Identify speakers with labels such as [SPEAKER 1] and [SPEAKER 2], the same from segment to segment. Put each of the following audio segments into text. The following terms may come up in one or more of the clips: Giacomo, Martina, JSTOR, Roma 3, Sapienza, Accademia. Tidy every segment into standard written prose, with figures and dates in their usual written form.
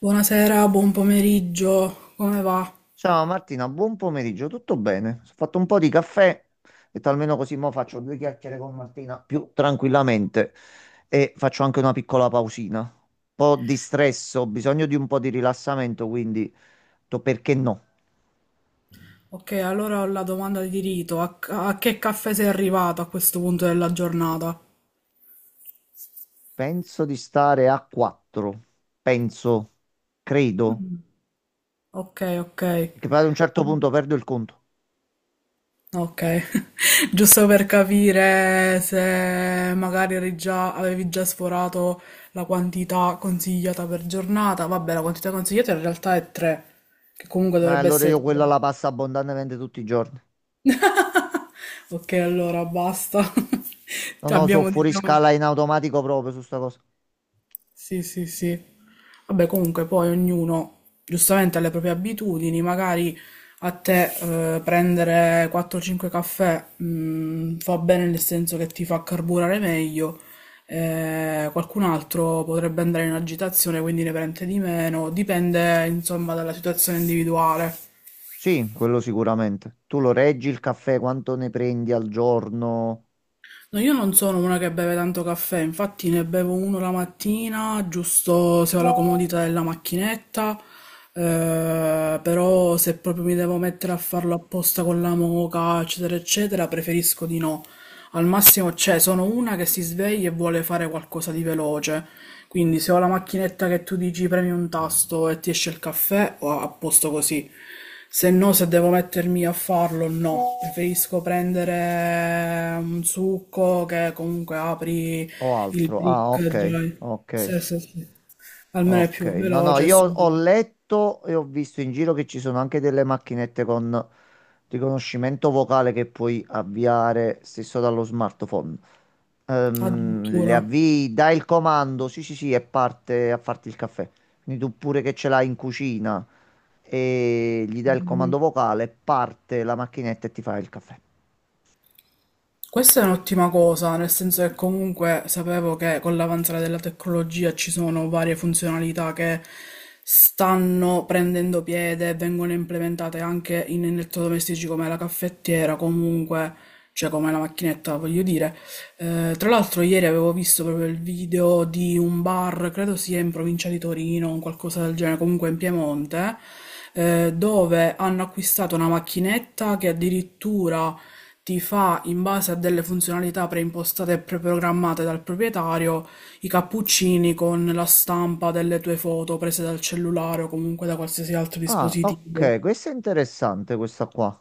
[SPEAKER 1] Buonasera, buon pomeriggio, come va?
[SPEAKER 2] Ciao Martina, buon pomeriggio, tutto bene? Ho fatto un po' di caffè, e almeno così mo faccio due chiacchiere con Martina più tranquillamente e faccio anche una piccola pausina. Un po' di stress, ho bisogno di un po' di rilassamento, quindi ho detto, perché no?
[SPEAKER 1] Ok, allora ho la domanda di rito. A che caffè sei arrivato a questo punto della giornata?
[SPEAKER 2] Penso di stare a 4, penso, credo,
[SPEAKER 1] Ok, ok,
[SPEAKER 2] che poi ad un certo punto perdo il conto.
[SPEAKER 1] ok. Giusto per capire se magari avevi già sforato la quantità consigliata per giornata. Vabbè, la quantità consigliata in realtà è 3, che comunque dovrebbe
[SPEAKER 2] Allora
[SPEAKER 1] essere
[SPEAKER 2] io
[SPEAKER 1] tipo...
[SPEAKER 2] quella la passo abbondantemente tutti i giorni.
[SPEAKER 1] Ok, allora basta.
[SPEAKER 2] Non
[SPEAKER 1] Ci
[SPEAKER 2] lo so,
[SPEAKER 1] abbiamo,
[SPEAKER 2] fuori
[SPEAKER 1] diciamo...
[SPEAKER 2] scala in automatico proprio su sta cosa.
[SPEAKER 1] Sì, sì, sì. Vabbè, comunque poi ognuno giustamente ha le proprie abitudini, magari a te prendere 4-5 caffè fa bene nel senso che ti fa carburare meglio, qualcun altro potrebbe andare in agitazione, quindi ne prende di meno, dipende insomma dalla situazione individuale.
[SPEAKER 2] Sì, quello sicuramente. Tu lo reggi il caffè, quanto ne prendi al giorno
[SPEAKER 1] No, io non sono una che beve tanto caffè, infatti ne bevo uno la mattina, giusto se ho la comodità della macchinetta, però se proprio mi devo mettere a farlo apposta con la moka, eccetera, eccetera, preferisco di no. Al massimo, cioè, sono una che si sveglia e vuole fare qualcosa di veloce, quindi se ho la macchinetta che tu dici premi un tasto e ti esce il caffè, o apposto così. Se no, se devo mettermi a farlo, no. Preferisco prendere un succo che comunque apri
[SPEAKER 2] o
[SPEAKER 1] il
[SPEAKER 2] altro? Ah,
[SPEAKER 1] brick
[SPEAKER 2] ok,
[SPEAKER 1] già.
[SPEAKER 2] ok,
[SPEAKER 1] Sì, sì, sì. Almeno è
[SPEAKER 2] ok.
[SPEAKER 1] più
[SPEAKER 2] No, no,
[SPEAKER 1] veloce e
[SPEAKER 2] io ho
[SPEAKER 1] subito.
[SPEAKER 2] letto e ho visto in giro che ci sono anche delle macchinette con riconoscimento vocale che puoi avviare stesso dallo smartphone. Le
[SPEAKER 1] Addirittura.
[SPEAKER 2] avvii, dai il comando, sì, sì, sì, e parte a farti il caffè. Quindi tu pure che ce l'hai in cucina e gli dai il comando
[SPEAKER 1] Mhm.
[SPEAKER 2] vocale, parte la macchinetta e ti fa il caffè.
[SPEAKER 1] Questa è un'ottima cosa, nel senso che comunque sapevo che con l'avanzare della tecnologia ci sono varie funzionalità che stanno prendendo piede e vengono implementate anche in elettrodomestici come la caffettiera, comunque, cioè come la macchinetta, voglio dire. Tra l'altro ieri avevo visto proprio il video di un bar, credo sia in provincia di Torino, un qualcosa del genere, comunque in Piemonte, dove hanno acquistato una macchinetta che addirittura ti fa in base a delle funzionalità preimpostate e preprogrammate dal proprietario i cappuccini con la stampa delle tue foto prese dal cellulare o comunque da qualsiasi altro
[SPEAKER 2] Ah,
[SPEAKER 1] dispositivo.
[SPEAKER 2] ok, questa è interessante questa qua.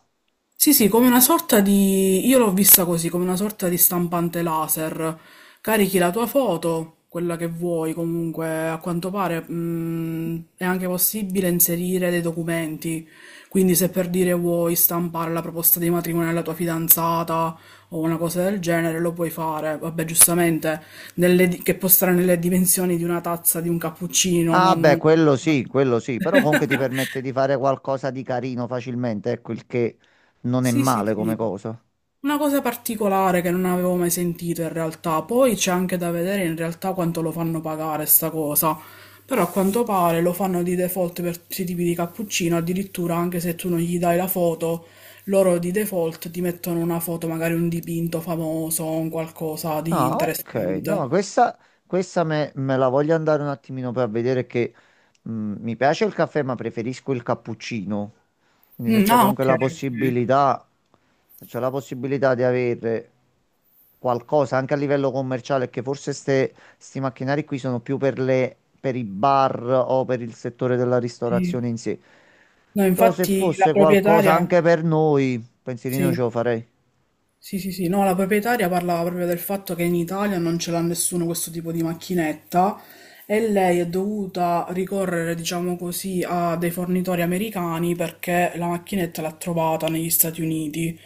[SPEAKER 1] Sì, sì, come una sorta di... Io l'ho vista così, come una sorta di stampante laser. Carichi la tua foto, quella che vuoi, comunque, a quanto pare, è anche possibile inserire dei documenti. Quindi se per dire vuoi stampare la proposta di matrimonio alla tua fidanzata o una cosa del genere, lo puoi fare. Vabbè, giustamente, che può stare nelle dimensioni di una tazza di un cappuccino,
[SPEAKER 2] Ah, beh,
[SPEAKER 1] non...
[SPEAKER 2] quello sì, però comunque ti permette di fare qualcosa di carino facilmente, ecco il che non è
[SPEAKER 1] Sì, sì,
[SPEAKER 2] male come
[SPEAKER 1] sì.
[SPEAKER 2] cosa.
[SPEAKER 1] Una cosa particolare che non avevo mai sentito in realtà, poi c'è anche da vedere in realtà quanto lo fanno pagare sta cosa, però a quanto pare lo fanno di default per tutti i tipi di cappuccino, addirittura anche se tu non gli dai la foto, loro di default ti mettono una foto, magari un dipinto famoso, un qualcosa di
[SPEAKER 2] Ah, ok. No,
[SPEAKER 1] interessante.
[SPEAKER 2] questa me la voglio andare un attimino per vedere che mi piace il caffè, ma preferisco il cappuccino. Quindi se
[SPEAKER 1] Mm,
[SPEAKER 2] c'è
[SPEAKER 1] ah,
[SPEAKER 2] comunque
[SPEAKER 1] ok,
[SPEAKER 2] la
[SPEAKER 1] ok.
[SPEAKER 2] possibilità, se c'è la possibilità di avere qualcosa anche a livello commerciale, che forse sti macchinari qui sono più per per i bar o per il settore della ristorazione
[SPEAKER 1] Sì.
[SPEAKER 2] in sé.
[SPEAKER 1] No,
[SPEAKER 2] Però se
[SPEAKER 1] infatti la
[SPEAKER 2] fosse qualcosa
[SPEAKER 1] proprietaria,
[SPEAKER 2] anche per noi, pensierino ce
[SPEAKER 1] sì.
[SPEAKER 2] lo farei.
[SPEAKER 1] Sì, sì, sì, no, la proprietaria parlava proprio del fatto che in Italia non ce l'ha nessuno questo tipo di macchinetta e lei è dovuta ricorrere, diciamo così, a dei fornitori americani perché la macchinetta l'ha trovata negli Stati Uniti.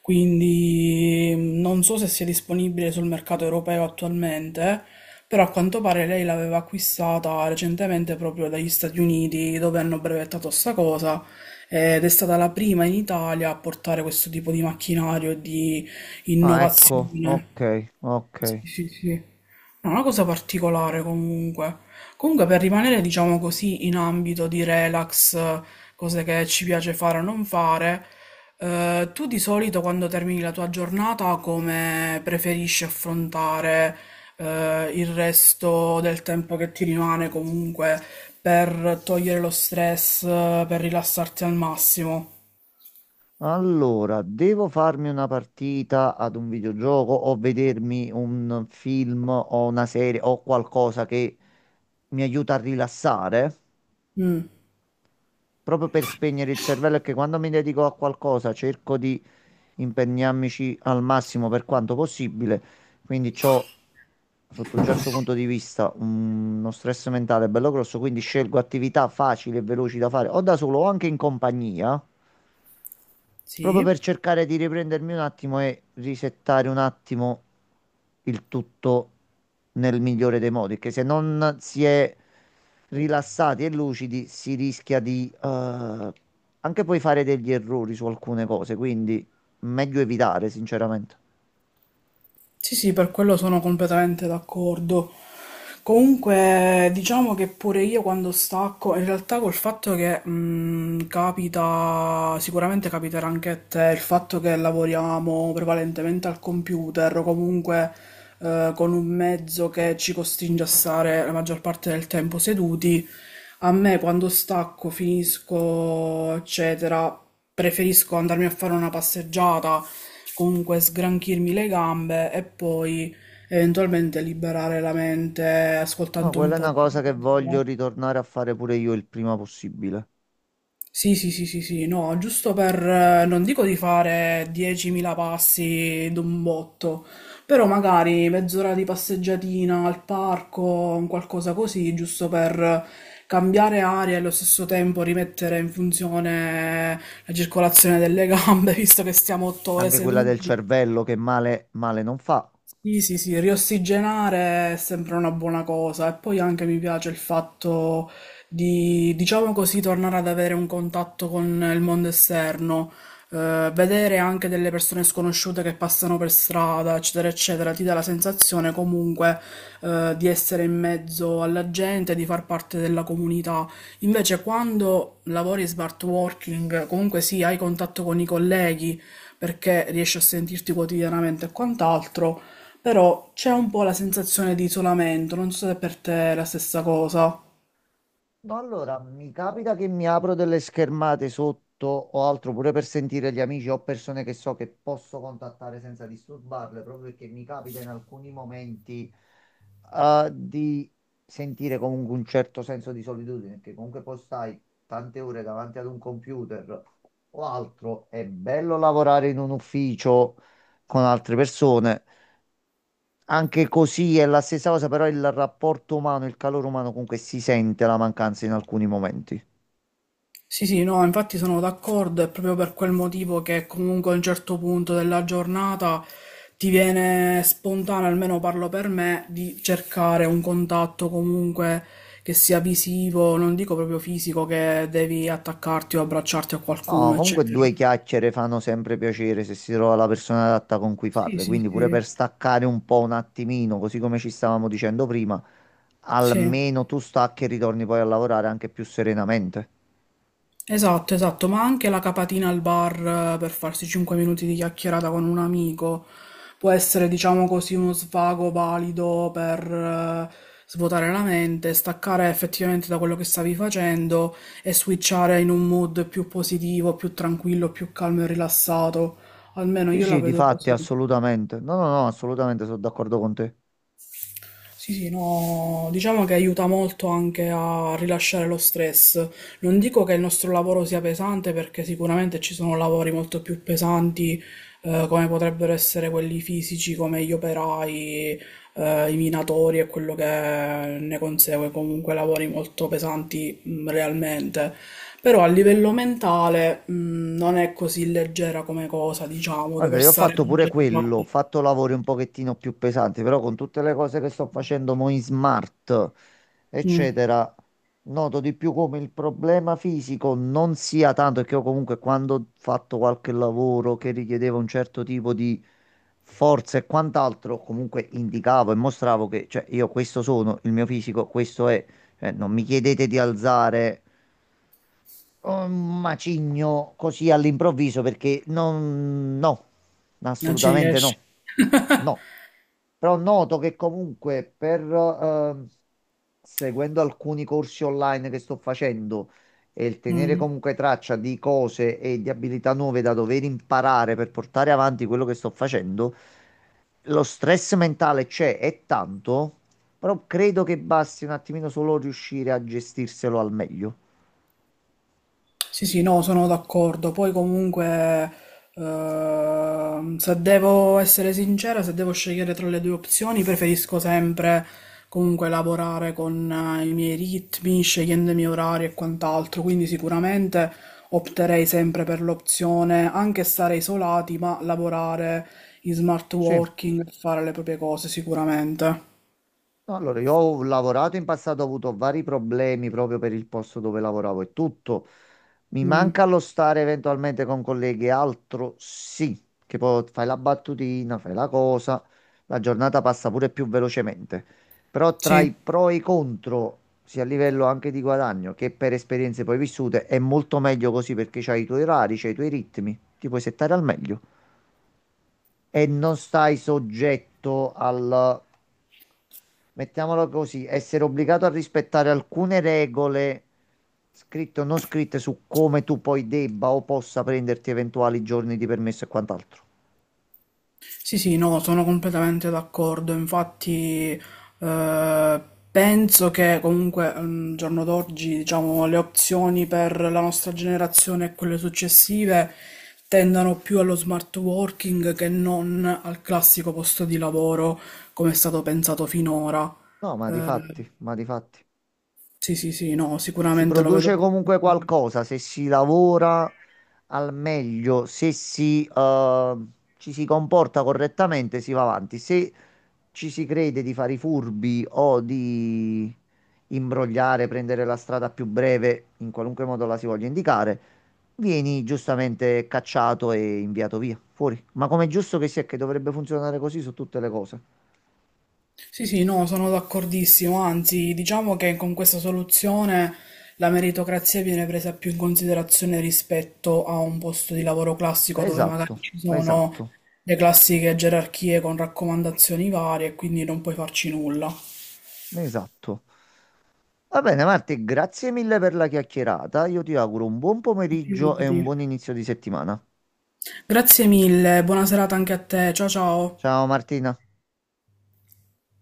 [SPEAKER 1] Quindi non so se sia disponibile sul mercato europeo attualmente, però a quanto pare lei l'aveva acquistata recentemente proprio dagli Stati Uniti, dove hanno brevettato sta cosa, ed è stata la prima in Italia a portare questo tipo di macchinario e di
[SPEAKER 2] Ah, ecco,
[SPEAKER 1] innovazione.
[SPEAKER 2] ok, ok.
[SPEAKER 1] Sì, sì, sì. No, una cosa particolare comunque. Comunque per rimanere, diciamo così, in ambito di relax, cose che ci piace fare o non fare, tu di solito quando termini la tua giornata come preferisci affrontare, il resto del tempo che ti rimane comunque per togliere lo stress, per rilassarti al massimo?
[SPEAKER 2] Allora, devo farmi una partita ad un videogioco o vedermi un film o una serie o qualcosa che mi aiuta a rilassare,
[SPEAKER 1] Mm,
[SPEAKER 2] proprio per spegnere il cervello, che quando mi dedico a qualcosa cerco di impegnarmici al massimo per quanto possibile, quindi ho sotto un certo punto di vista uno stress mentale bello grosso, quindi scelgo attività facili e veloci da fare o da solo o anche in compagnia. Proprio per
[SPEAKER 1] sì.
[SPEAKER 2] cercare di riprendermi un attimo e risettare un attimo il tutto nel migliore dei modi, che se non si è rilassati e lucidi si rischia di anche poi fare degli errori su alcune cose, quindi meglio evitare, sinceramente.
[SPEAKER 1] Sì, sì, per quello sono completamente d'accordo. Comunque, diciamo che pure io quando stacco, in realtà col fatto che capita, sicuramente capiterà anche a te, il fatto che lavoriamo prevalentemente al computer o comunque con un mezzo che ci costringe a stare la maggior parte del tempo seduti, a me quando stacco, finisco, eccetera, preferisco andarmi a fare una passeggiata, comunque sgranchirmi le gambe e poi eventualmente liberare la mente
[SPEAKER 2] No,
[SPEAKER 1] ascoltando un
[SPEAKER 2] quella è
[SPEAKER 1] po'
[SPEAKER 2] una
[SPEAKER 1] di
[SPEAKER 2] cosa che voglio
[SPEAKER 1] musica.
[SPEAKER 2] ritornare a fare pure io il prima possibile.
[SPEAKER 1] Sì, sì, sì, sì, sì, no, giusto per, non dico di fare 10.000 passi d'un botto, però magari mezz'ora di passeggiatina al parco, un qualcosa così, giusto per cambiare aria e allo stesso tempo rimettere in funzione la circolazione delle gambe, visto che stiamo 8 ore
[SPEAKER 2] Anche quella del
[SPEAKER 1] seduti.
[SPEAKER 2] cervello che male, male non fa.
[SPEAKER 1] Sì, sì, sì, riossigenare è sempre una buona cosa e poi anche mi piace il fatto di, diciamo così, tornare ad avere un contatto con il mondo esterno, vedere anche delle persone sconosciute che passano per strada, eccetera, eccetera, ti dà la sensazione comunque, di essere in mezzo alla gente, di far parte della comunità. Invece quando lavori smart working, comunque sì, hai contatto con i colleghi perché riesci a sentirti quotidianamente e quant'altro però c'è un po' la sensazione di isolamento, non so se per te è la stessa cosa.
[SPEAKER 2] No, allora, mi capita che mi apro delle schermate sotto o altro pure per sentire gli amici o persone che so che posso contattare senza disturbarle, proprio perché mi capita in alcuni momenti di sentire comunque un certo senso di solitudine, perché comunque poi stai tante ore davanti ad un computer o altro. È bello lavorare in un ufficio con altre persone, anche così è la stessa cosa, però il rapporto umano, il calore umano comunque si sente la mancanza in alcuni momenti.
[SPEAKER 1] Sì, sì, no, infatti sono d'accordo, è proprio per quel motivo che comunque a un certo punto della giornata ti viene spontaneo, almeno parlo per me, di cercare un contatto comunque che sia visivo, non dico proprio fisico, che devi attaccarti o abbracciarti a
[SPEAKER 2] No,
[SPEAKER 1] qualcuno,
[SPEAKER 2] comunque
[SPEAKER 1] eccetera.
[SPEAKER 2] due chiacchiere fanno sempre piacere se si trova la persona adatta con cui
[SPEAKER 1] Sì,
[SPEAKER 2] farle,
[SPEAKER 1] sì,
[SPEAKER 2] quindi pure
[SPEAKER 1] sì,
[SPEAKER 2] per staccare un po' un attimino, così come ci stavamo dicendo prima,
[SPEAKER 1] sì.
[SPEAKER 2] almeno tu stacchi e ritorni poi a lavorare anche più serenamente.
[SPEAKER 1] Esatto, esatto, ma anche la capatina al bar per farsi 5 minuti di chiacchierata con un amico può essere, diciamo così, uno svago valido per eh, svuotare la mente, staccare effettivamente da quello che stavi facendo e switchare in un mood più positivo, più tranquillo, più calmo e rilassato. Almeno
[SPEAKER 2] Sì,
[SPEAKER 1] io la
[SPEAKER 2] sì, di
[SPEAKER 1] vedo
[SPEAKER 2] fatti,
[SPEAKER 1] così.
[SPEAKER 2] assolutamente. No, no, no, assolutamente sono d'accordo con te.
[SPEAKER 1] Sì, sì, no, diciamo che aiuta molto anche a rilasciare lo stress. Non dico che il nostro lavoro sia pesante perché sicuramente ci sono lavori molto più pesanti, come potrebbero essere quelli fisici, come gli operai, i minatori e quello che ne consegue, comunque lavori molto pesanti, realmente. Però a livello mentale, non è così leggera come cosa, diciamo,
[SPEAKER 2] Guarda,
[SPEAKER 1] dover
[SPEAKER 2] io ho
[SPEAKER 1] stare
[SPEAKER 2] fatto pure quello, ho
[SPEAKER 1] concentrati.
[SPEAKER 2] fatto lavori un pochettino più pesanti, però con tutte le cose che sto facendo mo in smart,
[SPEAKER 1] Mm,
[SPEAKER 2] eccetera, noto di più come il problema fisico non sia tanto, perché io comunque quando ho fatto qualche lavoro che richiedeva un certo tipo di forza e quant'altro, comunque indicavo e mostravo che, cioè, io questo sono, il mio fisico questo è. Cioè, non mi chiedete di alzare un macigno così all'improvviso, perché non, no,
[SPEAKER 1] non ci
[SPEAKER 2] assolutamente
[SPEAKER 1] riesci.
[SPEAKER 2] no, no. Però noto che comunque per, seguendo alcuni corsi online che sto facendo e il tenere
[SPEAKER 1] Mm.
[SPEAKER 2] comunque traccia di cose e di abilità nuove da dover imparare per portare avanti quello che sto facendo, lo stress mentale c'è, è tanto, però credo che basti un attimino solo riuscire a gestirselo al meglio.
[SPEAKER 1] Sì, sì, no, sono d'accordo. Poi comunque, se devo essere sincera, se devo scegliere tra le due opzioni, preferisco sempre comunque lavorare con i miei ritmi, scegliendo i miei orari e quant'altro. Quindi sicuramente opterei sempre per l'opzione, anche stare isolati, ma lavorare in smart
[SPEAKER 2] Sì.
[SPEAKER 1] working, fare le proprie cose, sicuramente.
[SPEAKER 2] No, allora, io ho lavorato in passato, ho avuto vari problemi proprio per il posto dove lavoravo e tutto. Mi
[SPEAKER 1] Mm,
[SPEAKER 2] manca lo stare eventualmente con colleghi e altro, sì, che poi fai la battutina, fai la cosa, la giornata passa pure più velocemente. Però tra i
[SPEAKER 1] sì.
[SPEAKER 2] pro e i contro, sia a livello anche di guadagno che per esperienze poi vissute, è molto meglio così, perché c'hai i tuoi orari, c'hai i tuoi ritmi, ti puoi settare al meglio e non stai soggetto al, mettiamolo così, essere obbligato a rispettare alcune regole scritte o non scritte su come tu poi debba o possa prenderti eventuali giorni di permesso e quant'altro.
[SPEAKER 1] Sì, sì, no, sono completamente d'accordo. Infatti, eh, penso che comunque al giorno d'oggi, diciamo, le opzioni per la nostra generazione e quelle successive tendano più allo smart working che non al classico posto di lavoro come è stato pensato finora.
[SPEAKER 2] No, ma di
[SPEAKER 1] Eh,
[SPEAKER 2] fatti, ma di fatti.
[SPEAKER 1] sì, sì, sì, no,
[SPEAKER 2] Si
[SPEAKER 1] sicuramente lo vedo.
[SPEAKER 2] produce comunque qualcosa se si lavora al meglio, se ci si comporta correttamente, si va avanti. Se ci si crede di fare i furbi o di imbrogliare, prendere la strada più breve, in qualunque modo la si voglia indicare, vieni giustamente cacciato e inviato via, fuori. Ma com'è giusto che sia, che dovrebbe funzionare così su tutte le cose.
[SPEAKER 1] Sì, sì, no, sono d'accordissimo, anzi, diciamo che con questa soluzione la meritocrazia viene presa più in considerazione rispetto a un posto di lavoro classico dove magari
[SPEAKER 2] Esatto,
[SPEAKER 1] ci sono
[SPEAKER 2] esatto,
[SPEAKER 1] le classiche gerarchie con raccomandazioni varie e quindi non puoi farci nulla.
[SPEAKER 2] esatto. Va bene, Marti, grazie mille per la chiacchierata. Io ti auguro un buon pomeriggio e
[SPEAKER 1] Figurati.
[SPEAKER 2] un buon inizio di settimana.
[SPEAKER 1] Grazie mille, buona serata anche a te, ciao ciao.
[SPEAKER 2] Ciao Martina.